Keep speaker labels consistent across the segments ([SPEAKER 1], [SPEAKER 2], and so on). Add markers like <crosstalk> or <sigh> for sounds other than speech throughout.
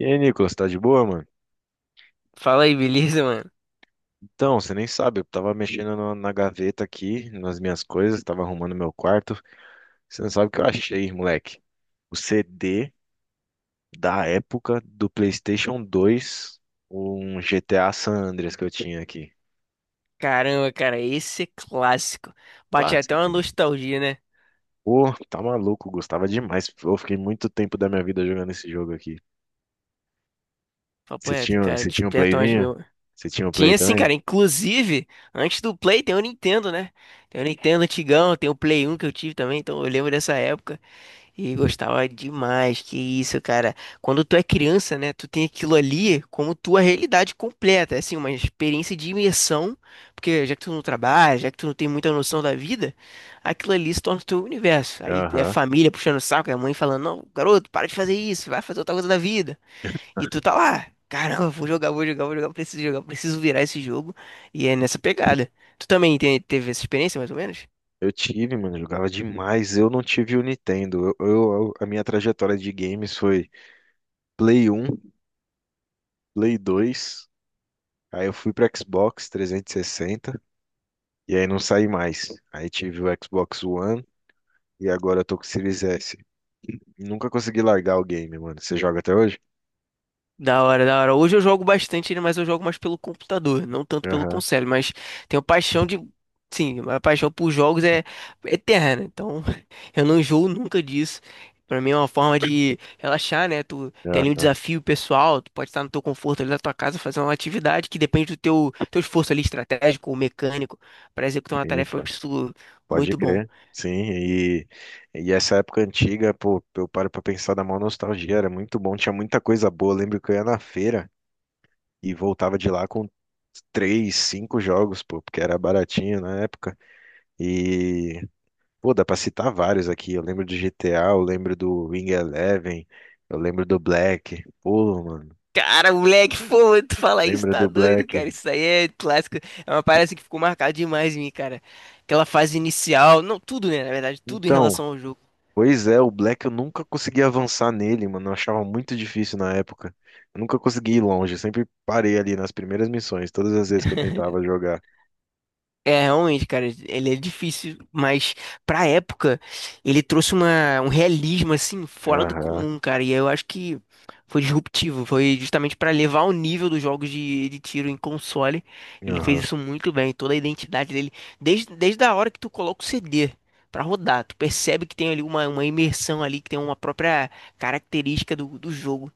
[SPEAKER 1] E aí, Nicolas, tá de boa, mano?
[SPEAKER 2] Fala aí, beleza, mano?
[SPEAKER 1] Então, você nem sabe, eu tava mexendo na gaveta aqui, nas minhas coisas, tava arrumando meu quarto. Você não sabe o que eu achei, moleque. O CD da época do PlayStation 2, um GTA San Andreas que eu tinha aqui.
[SPEAKER 2] Caramba, cara, esse é clássico. Bate
[SPEAKER 1] Lá.
[SPEAKER 2] até uma nostalgia, né?
[SPEAKER 1] Pô, tá maluco, gostava demais. Eu fiquei muito tempo da minha vida jogando esse jogo aqui.
[SPEAKER 2] Papo
[SPEAKER 1] Você
[SPEAKER 2] reto,
[SPEAKER 1] tinha,
[SPEAKER 2] cara,
[SPEAKER 1] você tinha um
[SPEAKER 2] desperta umas
[SPEAKER 1] playzinho?
[SPEAKER 2] mil.
[SPEAKER 1] Você tinha um play
[SPEAKER 2] Tinha sim,
[SPEAKER 1] também?
[SPEAKER 2] cara, inclusive, antes do Play tem o Nintendo, né? Tem o Nintendo antigão, tem o Play 1 que eu tive também, então eu lembro dessa época. E gostava demais, que isso, cara. Quando tu é criança, né, tu tem aquilo ali como tua realidade completa, é assim, uma experiência de imersão, porque já que tu não trabalha, já que tu não tem muita noção da vida, aquilo ali se torna o teu universo. Aí é
[SPEAKER 1] Aham.
[SPEAKER 2] família puxando o saco, é a mãe falando, não, garoto, para de fazer isso, vai fazer outra coisa da vida. E tu tá lá, caramba, vou jogar, vou jogar, vou jogar, preciso virar esse jogo. E é nessa pegada. Tu também teve essa experiência, mais ou menos?
[SPEAKER 1] Eu tive, mano, jogava demais. Eu não tive o Nintendo. A minha trajetória de games foi Play 1, Play 2, aí eu fui pro Xbox 360 e aí não saí mais. Aí tive o Xbox One e agora eu tô com o Series S. Nunca consegui largar o game, mano. Você joga até hoje?
[SPEAKER 2] Da hora, da hora. Hoje eu jogo bastante ele, mas eu jogo mais pelo computador, não tanto pelo
[SPEAKER 1] Aham,
[SPEAKER 2] console, mas tenho paixão de. Sim, a paixão por jogos é eterna, então <laughs> eu não enjoo nunca disso. Pra mim é uma forma de relaxar, né? Tu tem ali um
[SPEAKER 1] aham,
[SPEAKER 2] desafio pessoal, tu pode estar no teu conforto ali da tua casa, fazer uma atividade que depende do teu esforço ali estratégico ou mecânico para executar uma
[SPEAKER 1] sim,
[SPEAKER 2] tarefa. Eu
[SPEAKER 1] pô.
[SPEAKER 2] acho isso
[SPEAKER 1] Pode
[SPEAKER 2] muito bom.
[SPEAKER 1] crer. Sim, e essa época antiga, pô, eu paro pra pensar da maior nostalgia, era muito bom, tinha muita coisa boa. Eu lembro que eu ia na feira. E voltava de lá com três, cinco jogos, pô, porque era baratinho na época. E, pô, dá pra citar vários aqui. Eu lembro do GTA. Eu lembro do Wing Eleven, eu lembro do Black. Pô, mano,
[SPEAKER 2] Cara, moleque, pô, tu falar isso
[SPEAKER 1] lembra
[SPEAKER 2] tá
[SPEAKER 1] do
[SPEAKER 2] doido,
[SPEAKER 1] Black?
[SPEAKER 2] cara. Isso aí é clássico. É uma parada assim que ficou marcada demais em mim, cara. Aquela fase inicial, não, tudo, né? Na verdade, tudo em
[SPEAKER 1] Então,
[SPEAKER 2] relação ao jogo.
[SPEAKER 1] pois é, o Black eu nunca consegui avançar nele, mano. Eu achava muito difícil na época. Eu nunca consegui ir longe, eu sempre parei ali nas primeiras missões, todas as vezes que eu
[SPEAKER 2] <laughs>
[SPEAKER 1] tentava jogar.
[SPEAKER 2] É, realmente, cara, ele é difícil, mas pra época ele trouxe uma, um realismo assim fora do
[SPEAKER 1] Aham,
[SPEAKER 2] comum, cara. E eu acho que foi disruptivo, foi justamente pra levar o nível dos jogos de tiro em console. Ele fez
[SPEAKER 1] aham.
[SPEAKER 2] isso muito bem, toda a identidade dele, desde a hora que tu coloca o CD pra rodar, tu percebe que tem ali uma imersão ali, que tem uma própria característica do jogo.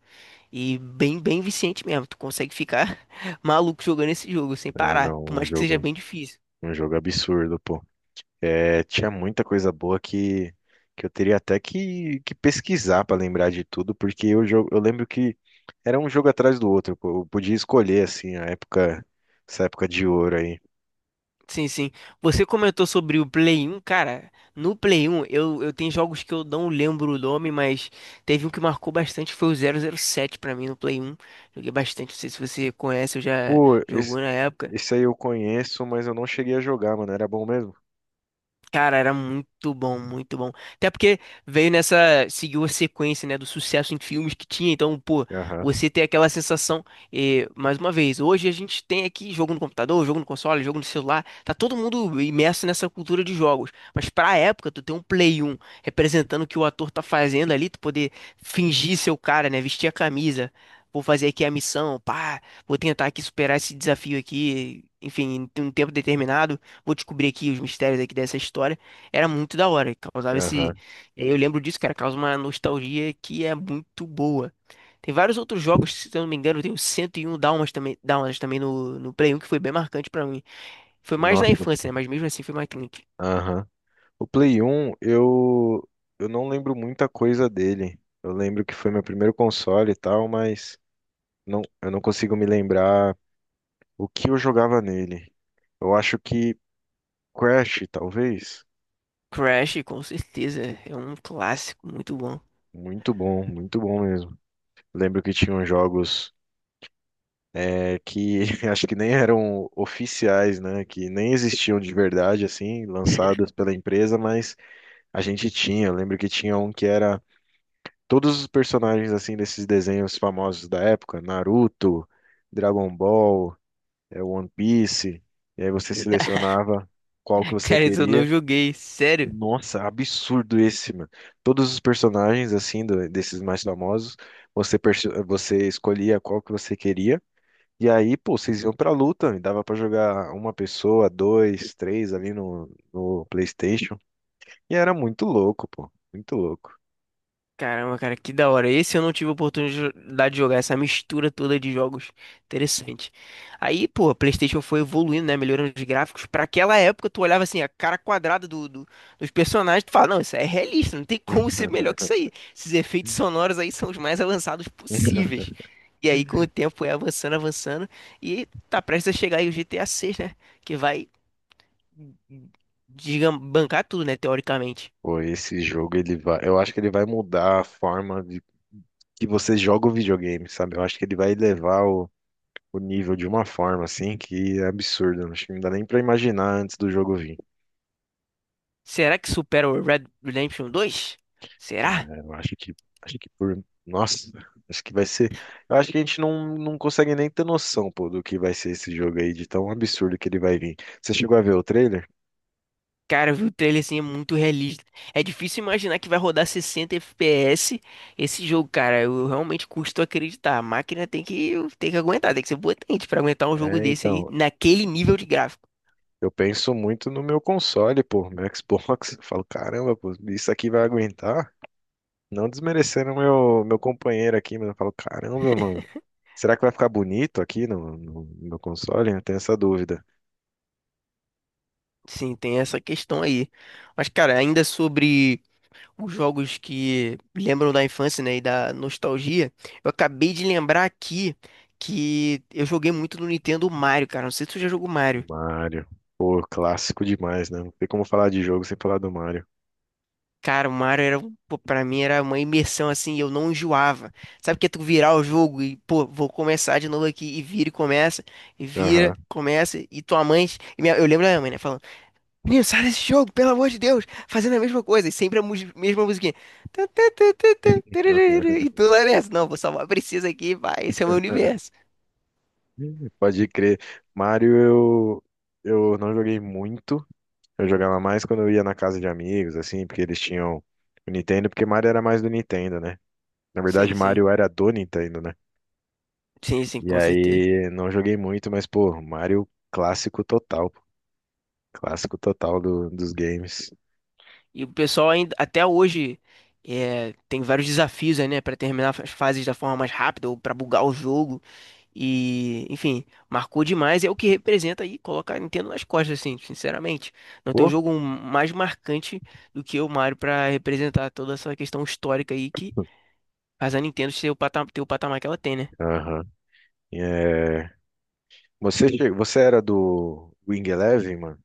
[SPEAKER 2] E bem, bem viciante mesmo, tu consegue ficar <laughs> maluco jogando esse jogo sem
[SPEAKER 1] Ah,
[SPEAKER 2] parar, por
[SPEAKER 1] não, um
[SPEAKER 2] mais que seja
[SPEAKER 1] jogo,
[SPEAKER 2] bem difícil.
[SPEAKER 1] um jogo absurdo, pô. É, tinha muita coisa boa que, eu teria até que pesquisar para lembrar de tudo, porque eu lembro que era um jogo atrás do outro. Eu podia escolher, assim, a época, essa época de ouro aí.
[SPEAKER 2] Sim, sim. Você comentou sobre o Play um, cara. No Play um eu tenho jogos que eu não lembro o nome, mas teve um que marcou bastante, foi o 007 pra mim no Play um. Joguei bastante, não sei se você conhece, eu já
[SPEAKER 1] Pô,
[SPEAKER 2] jogou
[SPEAKER 1] esse,
[SPEAKER 2] na época.
[SPEAKER 1] esse aí eu conheço, mas eu não cheguei a jogar, mano. Era bom mesmo?
[SPEAKER 2] Cara, era muito bom, muito bom. Até porque veio nessa, seguiu a sequência, né, do sucesso em filmes que tinha. Então, pô,
[SPEAKER 1] Aham,
[SPEAKER 2] você tem aquela sensação. E, mais uma vez, hoje a gente tem aqui jogo no computador, jogo no console, jogo no celular. Tá todo mundo imerso nessa cultura de jogos. Mas pra época, tu ter um Play um representando o que o ator tá fazendo ali, tu poder fingir ser o cara, né, vestir a camisa. Vou fazer aqui a missão, pá, vou tentar aqui superar esse desafio aqui, enfim, em um tempo determinado vou descobrir aqui os mistérios aqui dessa história. Era muito da hora, causava esse.
[SPEAKER 1] aham.
[SPEAKER 2] E aí eu lembro disso, cara, causa uma nostalgia que é muito boa. Tem vários outros jogos, se eu não me engano, tem o 101 Dálmatas também no, no Play 1, que foi bem marcante pra mim. Foi mais na
[SPEAKER 1] Nossa,
[SPEAKER 2] infância, né? Mas mesmo assim foi marcante.
[SPEAKER 1] aham. O Play 1, eu não lembro muita coisa dele. Eu lembro que foi meu primeiro console e tal, mas não, eu não consigo me lembrar o que eu jogava nele? Eu acho que Crash, talvez.
[SPEAKER 2] Crash, com certeza, é um clássico muito bom.
[SPEAKER 1] Muito bom mesmo. Lembro que tinham jogos que <laughs> acho que nem eram oficiais, né? Que nem existiam de verdade, assim, lançados
[SPEAKER 2] <laughs>
[SPEAKER 1] pela empresa, mas a gente tinha. Eu lembro que tinha um que era todos os personagens, assim, desses desenhos famosos da época, Naruto, Dragon Ball, One Piece. E aí você selecionava qual que você
[SPEAKER 2] Cara, isso eu não
[SPEAKER 1] queria.
[SPEAKER 2] joguei, sério.
[SPEAKER 1] Nossa, absurdo esse, mano. Todos os personagens, assim, desses mais famosos, você escolhia qual que você queria. E aí, pô, vocês iam pra luta. E dava pra jogar uma pessoa, dois, três ali no PlayStation. E era muito louco, pô. Muito louco.
[SPEAKER 2] Caramba, cara, que da hora. Esse eu não tive oportunidade de jogar, essa mistura toda de jogos. Interessante. Aí, pô, a PlayStation foi evoluindo, né? Melhorando os gráficos. Pra aquela época, tu olhava assim, a cara quadrada dos personagens, tu fala, não, isso é realista, não tem como ser melhor que isso aí. Esses efeitos
[SPEAKER 1] <laughs>
[SPEAKER 2] sonoros aí são os mais avançados possíveis. E aí, com o tempo, foi avançando, avançando. E tá prestes a chegar aí o GTA VI, né? Que vai digam, bancar tudo, né? Teoricamente.
[SPEAKER 1] Pô, esse jogo, ele vai. Eu acho que ele vai mudar a forma de que você joga o videogame, sabe? Eu acho que ele vai elevar o nível de uma forma, assim, que é absurda. Acho que não dá nem pra imaginar antes do jogo vir.
[SPEAKER 2] Será que supera o Red Redemption 2? Será?
[SPEAKER 1] É, eu acho que por, nossa, acho que vai ser, eu acho que a gente não consegue nem ter noção, pô, do que vai ser esse jogo aí, de tão absurdo que ele vai vir. Você chegou a ver o trailer?
[SPEAKER 2] Cara, eu vi o trailer assim, é muito realista. É difícil imaginar que vai rodar 60 FPS esse jogo, cara. Eu realmente custo acreditar. A máquina tem que, aguentar, tem que ser potente pra aguentar um jogo
[SPEAKER 1] É,
[SPEAKER 2] desse aí,
[SPEAKER 1] então,
[SPEAKER 2] naquele nível de gráfico.
[SPEAKER 1] eu penso muito no meu console, pô, meu Xbox, <laughs> eu falo, caramba, pô, isso aqui vai aguentar? Não desmerecendo meu companheiro aqui, mas eu falo, caramba, mano,
[SPEAKER 2] <laughs>
[SPEAKER 1] será que vai ficar bonito aqui no meu console? Eu tenho essa dúvida.
[SPEAKER 2] Sim, tem essa questão aí. Mas, cara, ainda sobre os jogos que lembram da infância, né, e da nostalgia, eu acabei de lembrar aqui que eu joguei muito no Nintendo Mario, cara. Não sei se tu já jogou Mario.
[SPEAKER 1] Mario, pô, clássico demais, né? Não tem como falar de jogo sem falar do Mario.
[SPEAKER 2] Cara, o Mario era, pô, pra mim era uma imersão assim, eu não enjoava. Sabe que é tu virar o jogo e, pô, vou começar de novo aqui, e vira e começa, e vira,
[SPEAKER 1] Aham.
[SPEAKER 2] começa, e tua mãe. Eu lembro da minha mãe, né, falando: menino, sai desse jogo, pelo amor de Deus, fazendo a mesma coisa, e sempre a mesma musiquinha. Tã, tã, tã, tã, tã,
[SPEAKER 1] <laughs>
[SPEAKER 2] tararara, e tu lá nessa, não, vou salvar a princesa aqui, vai, esse é o meu universo.
[SPEAKER 1] Pode crer. Mario, eu não joguei muito. Eu jogava mais quando eu ia na casa de amigos, assim, porque eles tinham o Nintendo, porque Mario era mais do Nintendo, né? Na verdade,
[SPEAKER 2] Sim, sim,
[SPEAKER 1] Mario era do Nintendo, né?
[SPEAKER 2] sim, sim,
[SPEAKER 1] E
[SPEAKER 2] com certeza.
[SPEAKER 1] aí, não joguei muito, mas, pô, Mario clássico total, pô. Clássico total dos games.
[SPEAKER 2] E o pessoal ainda, até hoje é, tem vários desafios aí, né, para terminar as fases da forma mais rápida ou para bugar o jogo. E, enfim, marcou demais. É o que representa aí, coloca a Nintendo nas costas, assim, sinceramente. Não tem um
[SPEAKER 1] Pô,
[SPEAKER 2] jogo mais marcante do que o Mario para representar toda essa questão histórica aí que faz a Nintendo ter o patamar que ela tem, né?
[SPEAKER 1] aham. É, você era do Wing Eleven, mano?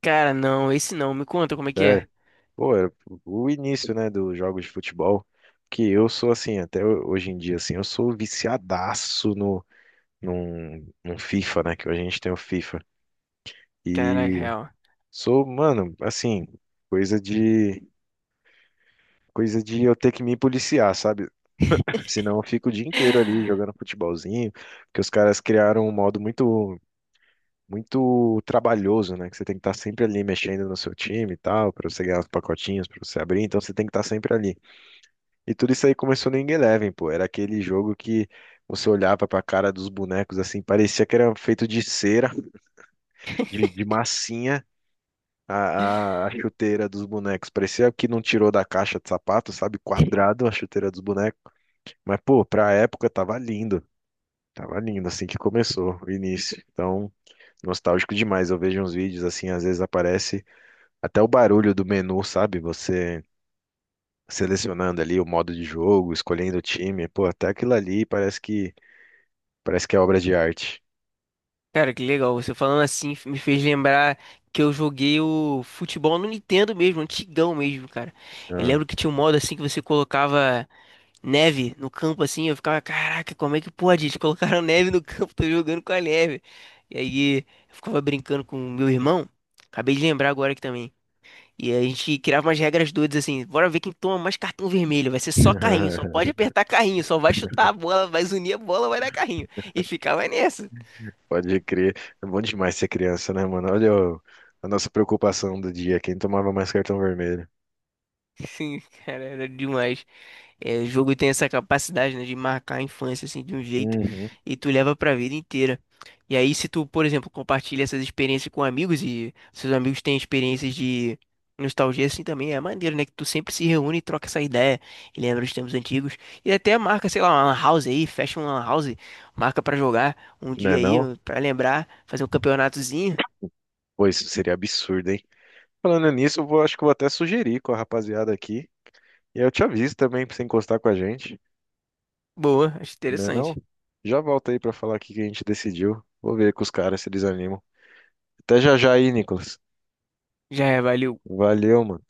[SPEAKER 2] Cara, não, esse não. Me conta como é que é.
[SPEAKER 1] Pô, era o início, né, dos jogos de futebol, que eu sou assim, até hoje em dia, assim, eu sou viciadaço no, num, num FIFA, né, que a gente tem o FIFA.
[SPEAKER 2] Caraca,
[SPEAKER 1] E
[SPEAKER 2] real.
[SPEAKER 1] sou, mano, assim, coisa de, coisa de eu ter que me policiar, sabe? Senão eu fico o dia inteiro ali jogando
[SPEAKER 2] <laughs>
[SPEAKER 1] futebolzinho, porque os caras criaram um modo muito, muito trabalhoso, né, que você tem que estar sempre ali mexendo no seu time e tal, pra você ganhar os pacotinhos, pra você abrir, então você tem que estar sempre ali. E tudo isso aí começou no Ing Eleven, pô. Era aquele jogo que você olhava pra cara dos bonecos assim, parecia que era feito de cera, de, massinha, a, a chuteira dos bonecos. Parecia que não tirou da caixa de sapato, sabe? Quadrado a chuteira dos bonecos. Mas, pô, pra época tava lindo. Tava lindo assim que começou o início. Então, nostálgico demais. Eu vejo uns vídeos assim, às vezes aparece até o barulho do menu, sabe? Você selecionando ali o modo de jogo, escolhendo o time. Pô, até aquilo ali parece que é obra de arte.
[SPEAKER 2] Cara, que legal. Você falando assim me fez lembrar que eu joguei o futebol no Nintendo mesmo, antigão mesmo, cara. Eu
[SPEAKER 1] Ah.
[SPEAKER 2] lembro que tinha um modo assim que você colocava neve no campo assim, eu ficava, caraca, como é que pode? Eles colocaram <laughs> neve no campo, tô jogando com a neve. E aí eu ficava brincando com o meu irmão. Acabei de lembrar agora aqui também. E a gente criava umas regras doidas assim, bora ver quem toma mais cartão vermelho, vai ser só carrinho, só pode
[SPEAKER 1] <laughs>
[SPEAKER 2] apertar carrinho, só vai chutar a bola, vai unir a bola, vai dar carrinho. E ficava nessa.
[SPEAKER 1] Pode crer. É bom demais ser criança, né, mano? Olha a nossa preocupação do dia. Quem tomava mais cartão vermelho?
[SPEAKER 2] Sim, cara, era demais. É, o jogo tem essa capacidade, né, de marcar a infância assim de um jeito
[SPEAKER 1] Uhum.
[SPEAKER 2] e tu leva pra vida inteira. E aí, se tu, por exemplo, compartilha essas experiências com amigos e seus amigos têm experiências de nostalgia assim também, é maneiro, né? Que tu sempre se reúne e troca essa ideia e lembra os tempos antigos. E até marca, sei lá, uma lan house aí, fecha uma lan house, marca pra jogar um
[SPEAKER 1] Não é
[SPEAKER 2] dia aí,
[SPEAKER 1] não?
[SPEAKER 2] pra lembrar, fazer um campeonatozinho.
[SPEAKER 1] Pô, isso seria absurdo, hein? Falando nisso, acho que eu vou até sugerir com a rapaziada aqui. E eu te aviso também pra você encostar com a gente.
[SPEAKER 2] Boa, acho
[SPEAKER 1] Não é
[SPEAKER 2] interessante.
[SPEAKER 1] não? Já volta aí pra falar o que que a gente decidiu. Vou ver com os caras se eles animam. Até já já aí, Nicolas.
[SPEAKER 2] Já é, valeu.
[SPEAKER 1] Valeu, mano.